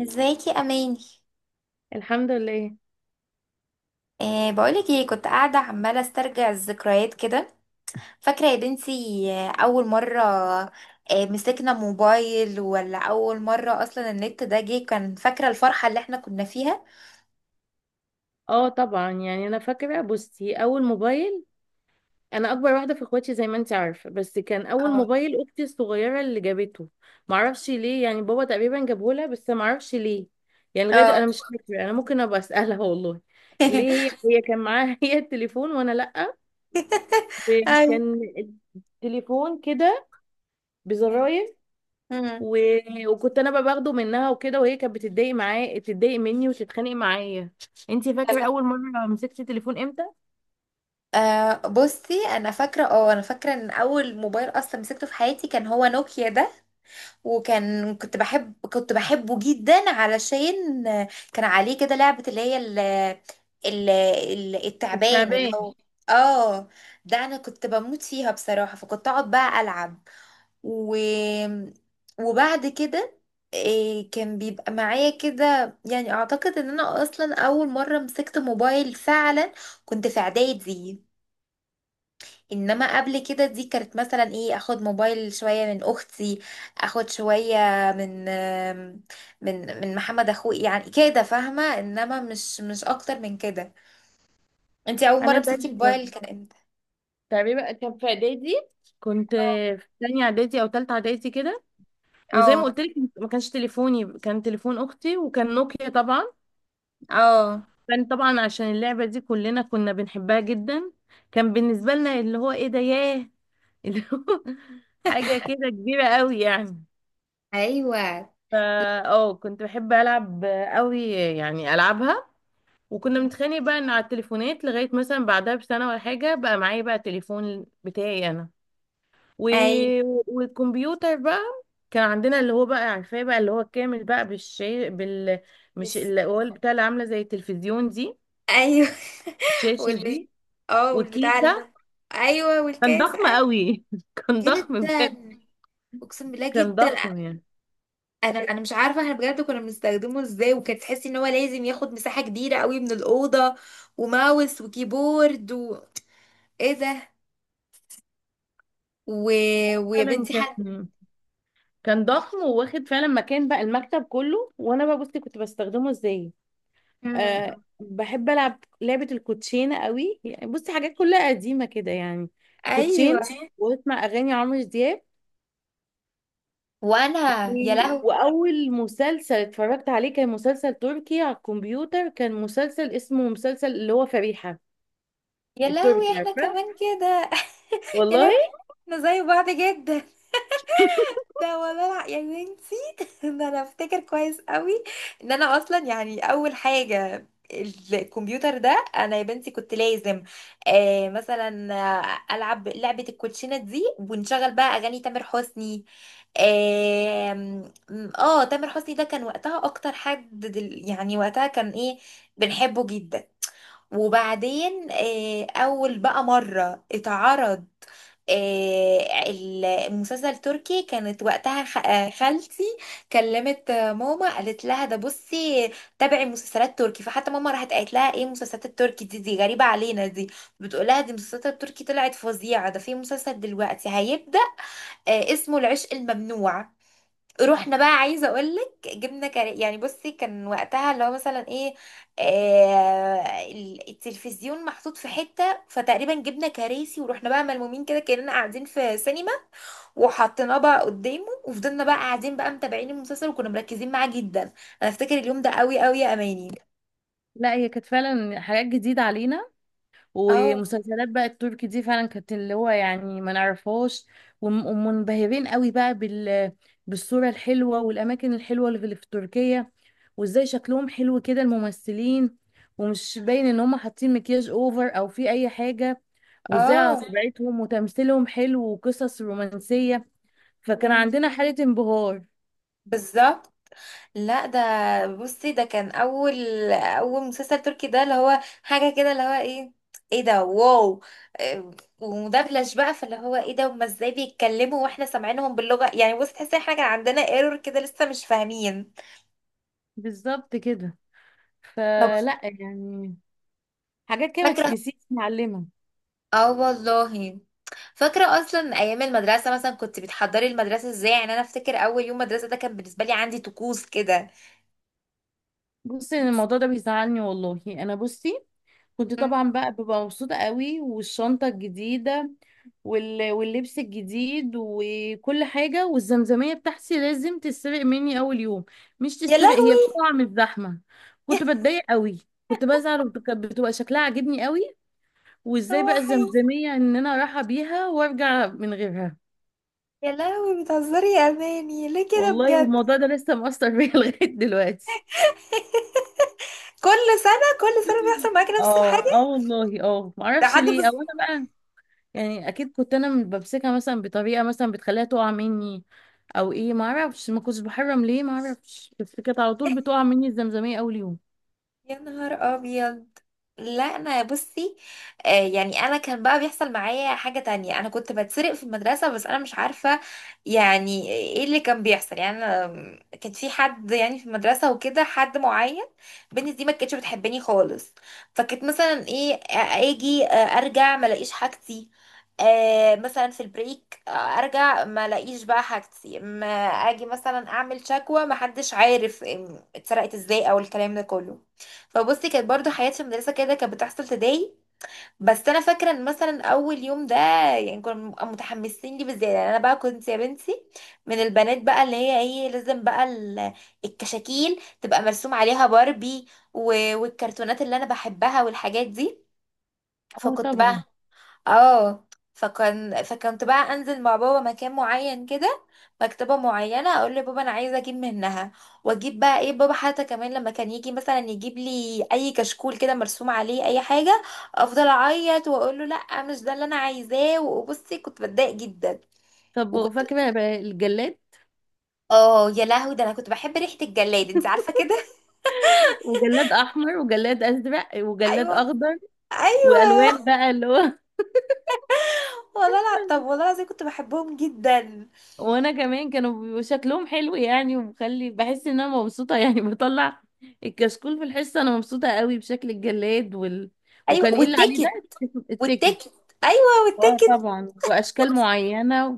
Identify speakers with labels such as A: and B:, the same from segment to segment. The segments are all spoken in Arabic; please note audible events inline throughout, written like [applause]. A: ازيك يا اماني؟
B: الحمد لله.
A: بقولك ايه، كنت قاعده عماله استرجع الذكريات كده، فاكره يا بنتي؟ اول مره، مسكنا موبايل، ولا اول مره اصلا النت ده جه؟ كان فاكره الفرحه اللي احنا كنا فيها.
B: اه طبعا، يعني انا فاكره. بصي، اول موبايل، انا اكبر واحده في اخواتي زي ما انت عارفه، بس كان اول
A: اه،
B: موبايل اختي الصغيره اللي جابته. معرفش ليه، يعني بابا تقريبا جابه لها، بس معرفش ليه. يعني لغايه
A: اه.
B: انا مش فاكره. انا ممكن ابقى اسالها [laughs] والله. ليه؟ هي
A: [laughs]
B: هي كان معاها [laughs] هي التليفون وانا لا.
A: ايوه،
B: كان التليفون كده
A: أيوة.
B: بزراير.
A: مم.
B: و... وكنت انا بقى باخده منها وكده، وهي كانت بتتضايق معايا، تتضايق مني وتتخانق معايا. انتي فاكره
A: يلا،
B: اول مره مسكتي تليفون امتى؟
A: بصي. انا فاكره، انا فاكره ان اول موبايل اصلا مسكته في حياتي كان هو نوكيا ده. وكان، كنت بحبه جدا، علشان كان عليه كده لعبة، اللي هي التعبان، اللي
B: الشعبية.
A: هو. اه، ده انا كنت بموت فيها بصراحة، فكنت اقعد بقى العب و وبعد كده. كان بيبقى معايا كده، يعني اعتقد ان انا اصلا اول مرة مسكت موبايل فعلا، كنت في اعدادي. انما قبل كده دي كانت مثلا ايه، اخد موبايل شويه من اختي، اخد شويه من من محمد اخوي، يعني كده فاهمه، انما مش اكتر من كده. انتي اول مره
B: أنا
A: مسكتي
B: زيك برضه.
A: موبايل كان امتى؟
B: الشعبية بقى كان في إعدادي. كنت في تانية إعدادي أو تالتة إعدادي كده. وزي ما
A: اه.
B: قلت لك، ما كانش تليفوني، كان تليفون أختي، وكان نوكيا طبعا.
A: اه.
B: كان طبعا عشان اللعبة دي كلنا كنا بنحبها جدا. كان بالنسبة لنا اللي هو إيه ده، ياه، اللي هو [laughs] حاجة كده كبيرة قوي يعني.
A: ايوه،
B: فا اه كنت بحب ألعب قوي يعني، ألعبها. وكنا بنتخانق بقى إن على التليفونات، لغاية مثلا بعدها بسنة ولا حاجة بقى معايا بقى تليفون بتاعي أنا. و...
A: ايوه.
B: والكمبيوتر بقى، كان عندنا اللي هو بقى عارفاه بقى، اللي هو كامل بقى بالشي مش
A: بس،
B: اللي هو اللي بتاع اللي عامله زي التلفزيون دي.
A: ايوه. [laughs]
B: الشاشه
A: والب...
B: دي،
A: اه والبتاع
B: وكيسه.
A: ال-. ايوه
B: كان
A: والكاس،
B: ضخم
A: ايوه.
B: قوي [laughs] كان ضخم بجد.
A: جدا، اقسم بالله
B: كان
A: جدا.
B: ضخم يعني.
A: انا مش عارفه احنا بجد كنا بنستخدمه ازاي، وكانت تحسي ان هو لازم ياخد مساحه كبيره قوي من الاوضه، وماوس وكيبورد و... ايه ده. و... ويا
B: فعلا
A: بنتي حد.
B: كان ضخم، وواخد فعلا مكان بقى المكتب كله. وانا بقى بصي كنت بستخدمه ازاي.
A: مم.
B: أه بحب العب لعبه الكوتشينه قوي يعني، بصي حاجات كلها قديمه كده يعني.
A: ايوه.
B: كوتشينه، واسمع اغاني عمرو دياب.
A: وانا، يا لهوي.
B: واول مسلسل اتفرجت عليه كان مسلسل تركي على الكمبيوتر، كان مسلسل اسمه مسلسل اللي هو فريحة.
A: يا لهوي،
B: التركي،
A: احنا
B: عارفة.
A: كمان كده. يا لهوي،
B: والله.
A: احنا زي بعض جدا. ده ولا لا يا بنتي. [laughs] ده انا افتكر كويس قوي ان انا اصلا يعني اول حاجه الكمبيوتر ده انا يا بنتي كنت لازم مثلا العب لعبه الكوتشينه دي، ونشغل بقى اغاني تامر حسني. آم، اه تامر حسني ده كان وقتها اكتر حد يعني وقتها كان ايه، بنحبه جدا. وبعدين، أول بقى مرة اتعرض آه، المسلسل التركي، كانت وقتها خالتي كلمت ماما، قالت لها ده بصي، تابعي مسلسلات تركي. فحتى ماما راحت قالت لها ايه المسلسلات التركي دي غريبة علينا دي، بتقول لها دي المسلسلات التركي طلعت فظيعة، ده في مسلسل دلوقتي هيبدأ اسمه العشق الممنوع. رحنا بقى عايزه اقولك، جبنا كر... يعني بصي، كان وقتها اللي هو مثلا ايه، التلفزيون محطوط في حته، فتقريبا جبنا كراسي ورحنا بقى ملمومين كده كاننا قاعدين في سينما، وحطيناه بقى قدامه، وفضلنا بقى قاعدين بقى متابعين المسلسل، وكنا مركزين معاه جدا. انا افتكر اليوم ده قوي قوي يا اماني.
B: لا، هي كانت فعلا حاجات جديدة علينا.
A: اه.
B: ومسلسلات بقى التركي دي فعلا كانت اللي هو يعني ما نعرفهاش. ومنبهرين قوي بقى بالصورة الحلوة والأماكن الحلوة اللي في تركيا. وازاي شكلهم حلو كده الممثلين، ومش باين ان هم حاطين مكياج اوفر او في اي حاجة. وازاي على
A: اه.
B: طبيعتهم، وتمثيلهم حلو، وقصص رومانسية. فكان عندنا حالة انبهار.
A: بالظبط. لا ده، بصي ده كان اول، اول مسلسل تركي ده، اللي هو حاجه كده، اللي هو ايه، ايه ده، واو. إيه، ومدبلج بقى، فاللي هو ايه ده، هما ازاي بيتكلموا واحنا سامعينهم باللغه؟ يعني بصي تحسي إن احنا كان عندنا ايرور كده، لسه مش فاهمين.
B: بالظبط كده.
A: طب
B: فلا يعني، حاجات كده ما
A: فاكره؟
B: تتنسيش معلمة.
A: اه والله فاكره. اصلا ايام المدرسه، مثلا كنت بتحضري المدرسه ازاي؟ يعني انا افتكر اول يوم مدرسه ده كان بالنسبه لي عندي طقوس كده.
B: بصي أنا الموضوع ده بيزعلني والله. انا بصي كنت
A: مم.
B: طبعا بقى ببقى مبسوطة قوي والشنطة الجديدة، واللبس الجديد وكل حاجة. والزمزمية بتاعتي لازم تتسرق مني أول يوم. مش
A: يا
B: تتسرق، هي
A: لهوي.
B: بتقع من الزحمة. كنت
A: [laughs]
B: بتضايق قوي. كنت بزعل بتبقى شكلها عاجبني قوي. وازاي بقى
A: روحي.
B: الزمزمية ان انا رايحة بيها وارجع من غيرها.
A: يا لهوي، بتهزري يا اماني ليه كده
B: والله،
A: بجد؟
B: والموضوع ده لسه مؤثر بيا [laughs] لغاية دلوقتي.
A: كل سنة كل سنة بيحصل معاكي نفس
B: اه،
A: الحاجة،
B: اه والله، اه معرفش
A: لحد ما.
B: ليه، او انا بقى يعني اكيد كنت انا بمسكها مثلا بطريقه مثلا بتخليها تقع مني، او ايه ما اعرفش. ما كنتش بحرم، ليه ما اعرفش، بس كانت على طول بتقع مني الزمزميه اول يوم.
A: يا نهار ابيض. لا انا بصي، يعني انا كان بقى بيحصل معايا حاجة تانية، انا كنت بتسرق في المدرسة، بس انا مش عارفة يعني ايه اللي كان بيحصل. يعني انا كان في حد، يعني في المدرسة، وكده حد معين، بنتي دي ما كانتش بتحبني خالص. فكنت مثلا ايه، اجي ارجع ما الاقيش حاجتي، مثلا في البريك، ارجع ما الاقيش بقى حاجتي، ما اجي مثلا اعمل شكوى، ما حدش عارف اتسرقت ازاي او الكلام ده كله. فبصي كانت برضو حياتي في المدرسه كده كانت بتحصل تضايق. بس انا فاكره ان مثلا اول يوم ده يعني كنا بنبقى متحمسين ليه بالذات. يعني انا بقى كنت يا بنتي من البنات بقى، اللي هي ايه، لازم بقى الكشاكيل تبقى مرسوم عليها باربي، والكرتونات اللي انا بحبها والحاجات دي.
B: اه
A: فكنت
B: طبعا.
A: بقى، اه فكان فكنت بقى انزل مع بابا مكان معين كده، مكتبة معينة، اقول لبابا انا عايزة اجيب منها، واجيب بقى ايه. بابا حتى كمان لما كان يجي مثلا يجيب لي اي كشكول كده مرسوم عليه اي حاجة، افضل اعيط واقول له لا مش ده اللي انا عايزاه، وبصي كنت بتضايق جدا.
B: طب
A: وكنت،
B: فاكره بقى الجلاد؟
A: اه يا لهوي، ده انا كنت بحب ريحة الجلاد، انت عارفة
B: [laughs]
A: كده.
B: وجلاد احمر وجلاد ازرق
A: [laughs]
B: وجلاد
A: ايوه.
B: اخضر. والوان
A: ايوه
B: بقى اللي هو
A: والله. لا، طب والله العظيم كنت بحبهم جدا.
B: [laughs] وانا كمان، كانوا بيبقوا شكلهم حلو يعني، ومخلي بحس ان انا مبسوطه يعني [laughs] بطلع الكشكول في الحصه انا مبسوطه قوي بشكل الجلاد
A: ايوه
B: وكان ايه اللي عليه ده،
A: والتيكت.
B: التيكت.
A: والتيكت. ايوه
B: اه
A: والتيكت.
B: طبعا، واشكال معينه.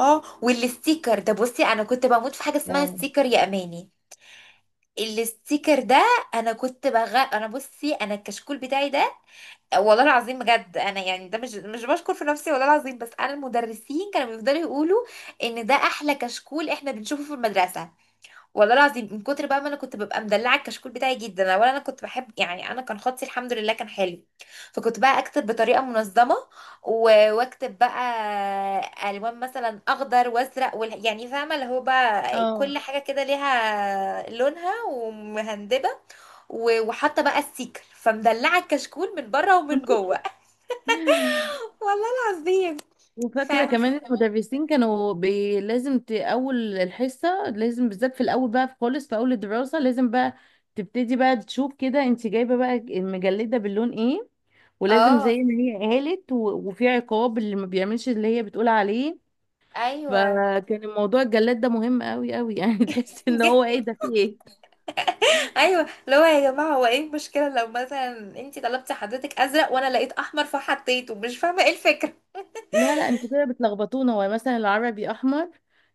A: اه والستيكر، ده بصي انا كنت بموت في حاجه اسمها
B: اه
A: ستيكر يا اماني. الستيكر ده، انا كنت بغ، انا بصي انا الكشكول بتاعي ده والله العظيم بجد، انا يعني ده مش بشكر في نفسي والله العظيم، بس انا المدرسين كانوا بيفضلوا يقولوا ان ده احلى كشكول احنا بنشوفه في المدرسه. والله العظيم من كتر بقى ما انا كنت ببقى مدلعه الكشكول بتاعي جدا، انا ولا. انا كنت بحب، يعني انا كان خطي الحمد لله كان حلو، فكنت بقى اكتب بطريقه منظمه، واكتب بقى الوان مثلا اخضر وازرق وال... يعني فاهمه اللي هو بقى
B: اه
A: كل حاجه كده ليها لونها ومهندبه، وحاطه بقى السيكل، فمدلعه الكشكول من بره ومن جوه.
B: [laughs]
A: [laughs] والله العظيم. ف...
B: وفاكره كمان المدرسين كانوا لازم اول الحصه لازم، بالذات في الاول بقى خالص، في اول الدراسه لازم بقى تبتدي بقى تشوف كده انت جايبه بقى المجلده باللون ايه. ولازم زي
A: اه.
B: ما هي قالت. وفي عقاب اللي ما بيعملش اللي هي بتقول عليه.
A: ايوه.
B: فكان الموضوع الجلاد ده مهم قوي قوي يعني [laughs] تحس ان هو ايه
A: [laughs]
B: ده، في ايه.
A: ايوه، اللي هو يا جماعه هو ايه المشكله لو مثلا انت طلبتي حضرتك ازرق وانا لقيت احمر فحطيته؟ مش فاهمه ايه الفكره.
B: لا لا، انتوا كده بتلخبطونا. هو مثلا العربي احمر،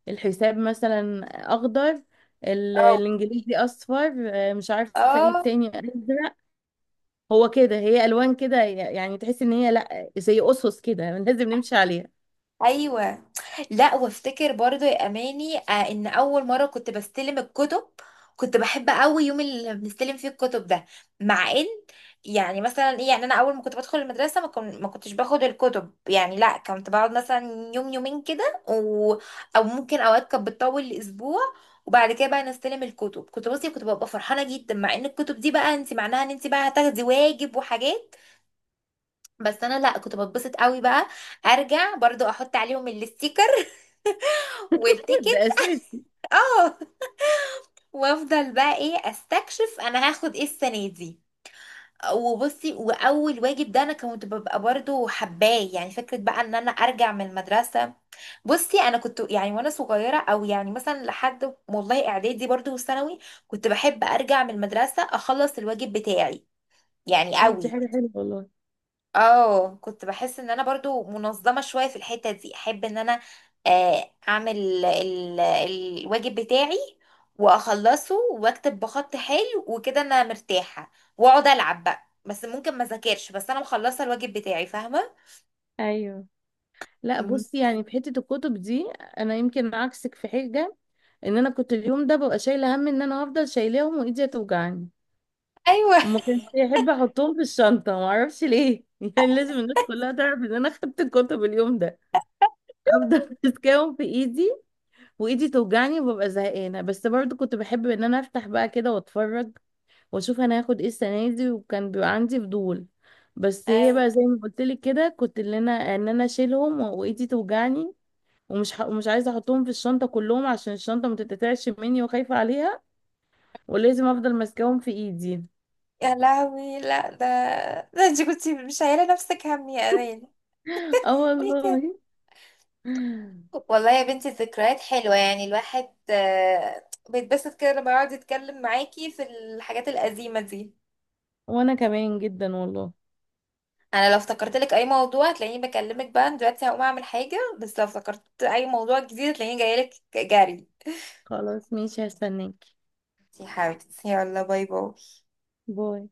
B: الحساب مثلا اخضر،
A: اه.
B: الانجليزي اصفر، مش عارفه ايه
A: اه.
B: تاني، ازرق. هو كده، هي الوان كده يعني، تحس ان هي لا، زي اسس كده لازم نمشي عليها.
A: ايوه. لا، وافتكر برضو يا اماني، ان اول مره كنت بستلم الكتب، كنت بحب قوي يوم اللي بنستلم فيه الكتب ده، مع ان، يعني مثلا ايه، يعني انا اول ما كنت بدخل المدرسه ما كنتش باخد الكتب، يعني لا، كنت بقعد مثلا يوم، يومين كده و... او ممكن اوقات كانت بتطول لاسبوع. وبعد كده بقى نستلم الكتب، كنت ببقى فرحانه جدا، مع ان الكتب دي بقى انت معناها ان انت بقى هتاخدي واجب وحاجات. بس انا لا، كنت بتبسط قوي بقى ارجع برضو احط عليهم الستيكر
B: ده
A: والتيكت.
B: اساسي.
A: اه. وافضل بقى ايه استكشف انا هاخد ايه السنه دي. وبصي، واول واجب ده انا كنت ببقى برضو حباه، يعني فكره بقى ان انا ارجع من المدرسه. بصي انا كنت يعني وانا صغيره، او يعني مثلا لحد والله اعدادي برضو وثانوي، كنت بحب ارجع من المدرسه اخلص الواجب بتاعي، يعني
B: طب دي
A: قوي.
B: حاجه حلوه والله.
A: اه كنت بحس ان انا برضو منظمة شوية في الحتة دي، احب ان انا اعمل الواجب بتاعي واخلصه، واكتب بخط حلو وكده انا مرتاحة، واقعد العب بقى. بس ممكن ما ذاكرش، بس انا مخلصة الواجب بتاعي، فاهمة.
B: ايوه. لا
A: مم.
B: بصي يعني في حته الكتب دي، انا يمكن عكسك في حاجه، ان انا كنت اليوم ده ببقى شايله هم ان انا هفضل شايلاهم وايدي هتوجعني.
A: ايوه.
B: وما كانش يحب احطهم في الشنطه، ما اعرفش ليه [laughs] يعني لازم الناس كلها تعرف ان انا خدت الكتب اليوم ده. افضل [laughs] ماسكاهم في ايدي، وايدي توجعني وببقى زهقانه، بس برضو كنت بحب ان انا افتح بقى كده واتفرج واشوف انا هاخد ايه السنه دي، وكان بيبقى عندي فضول. بس هي
A: أي.
B: بقى زي ما قلت لك كده، كنت اللي انا ان انا اشيلهم وايدي توجعني. مش عايزه احطهم في الشنطه كلهم عشان الشنطه ما تتقطعش مني، وخايفه عليها. ولازم افضل ماسكاهم في ايدي.
A: يا لهوي لا ده، ده انت كنت مش شايله نفسك هم يا امانه.
B: [laughs] اه
A: ليه؟
B: والله.
A: والله يا بنتي الذكريات حلوة، يعني الواحد بيتبسط كده لما يقعد يتكلم معاكي في الحاجات القديمة دي.
B: وانا كمان جدا والله.
A: انا لو افتكرت لك اي موضوع هتلاقيني بكلمك، بقى أنا دلوقتي هقوم اعمل حاجة، بس لو افتكرت اي موضوع جديد هتلاقيني جايلك جري.
B: خلاص ماشي، هستناك.
A: يا حبيبتي يلا، باي باي.
B: باي.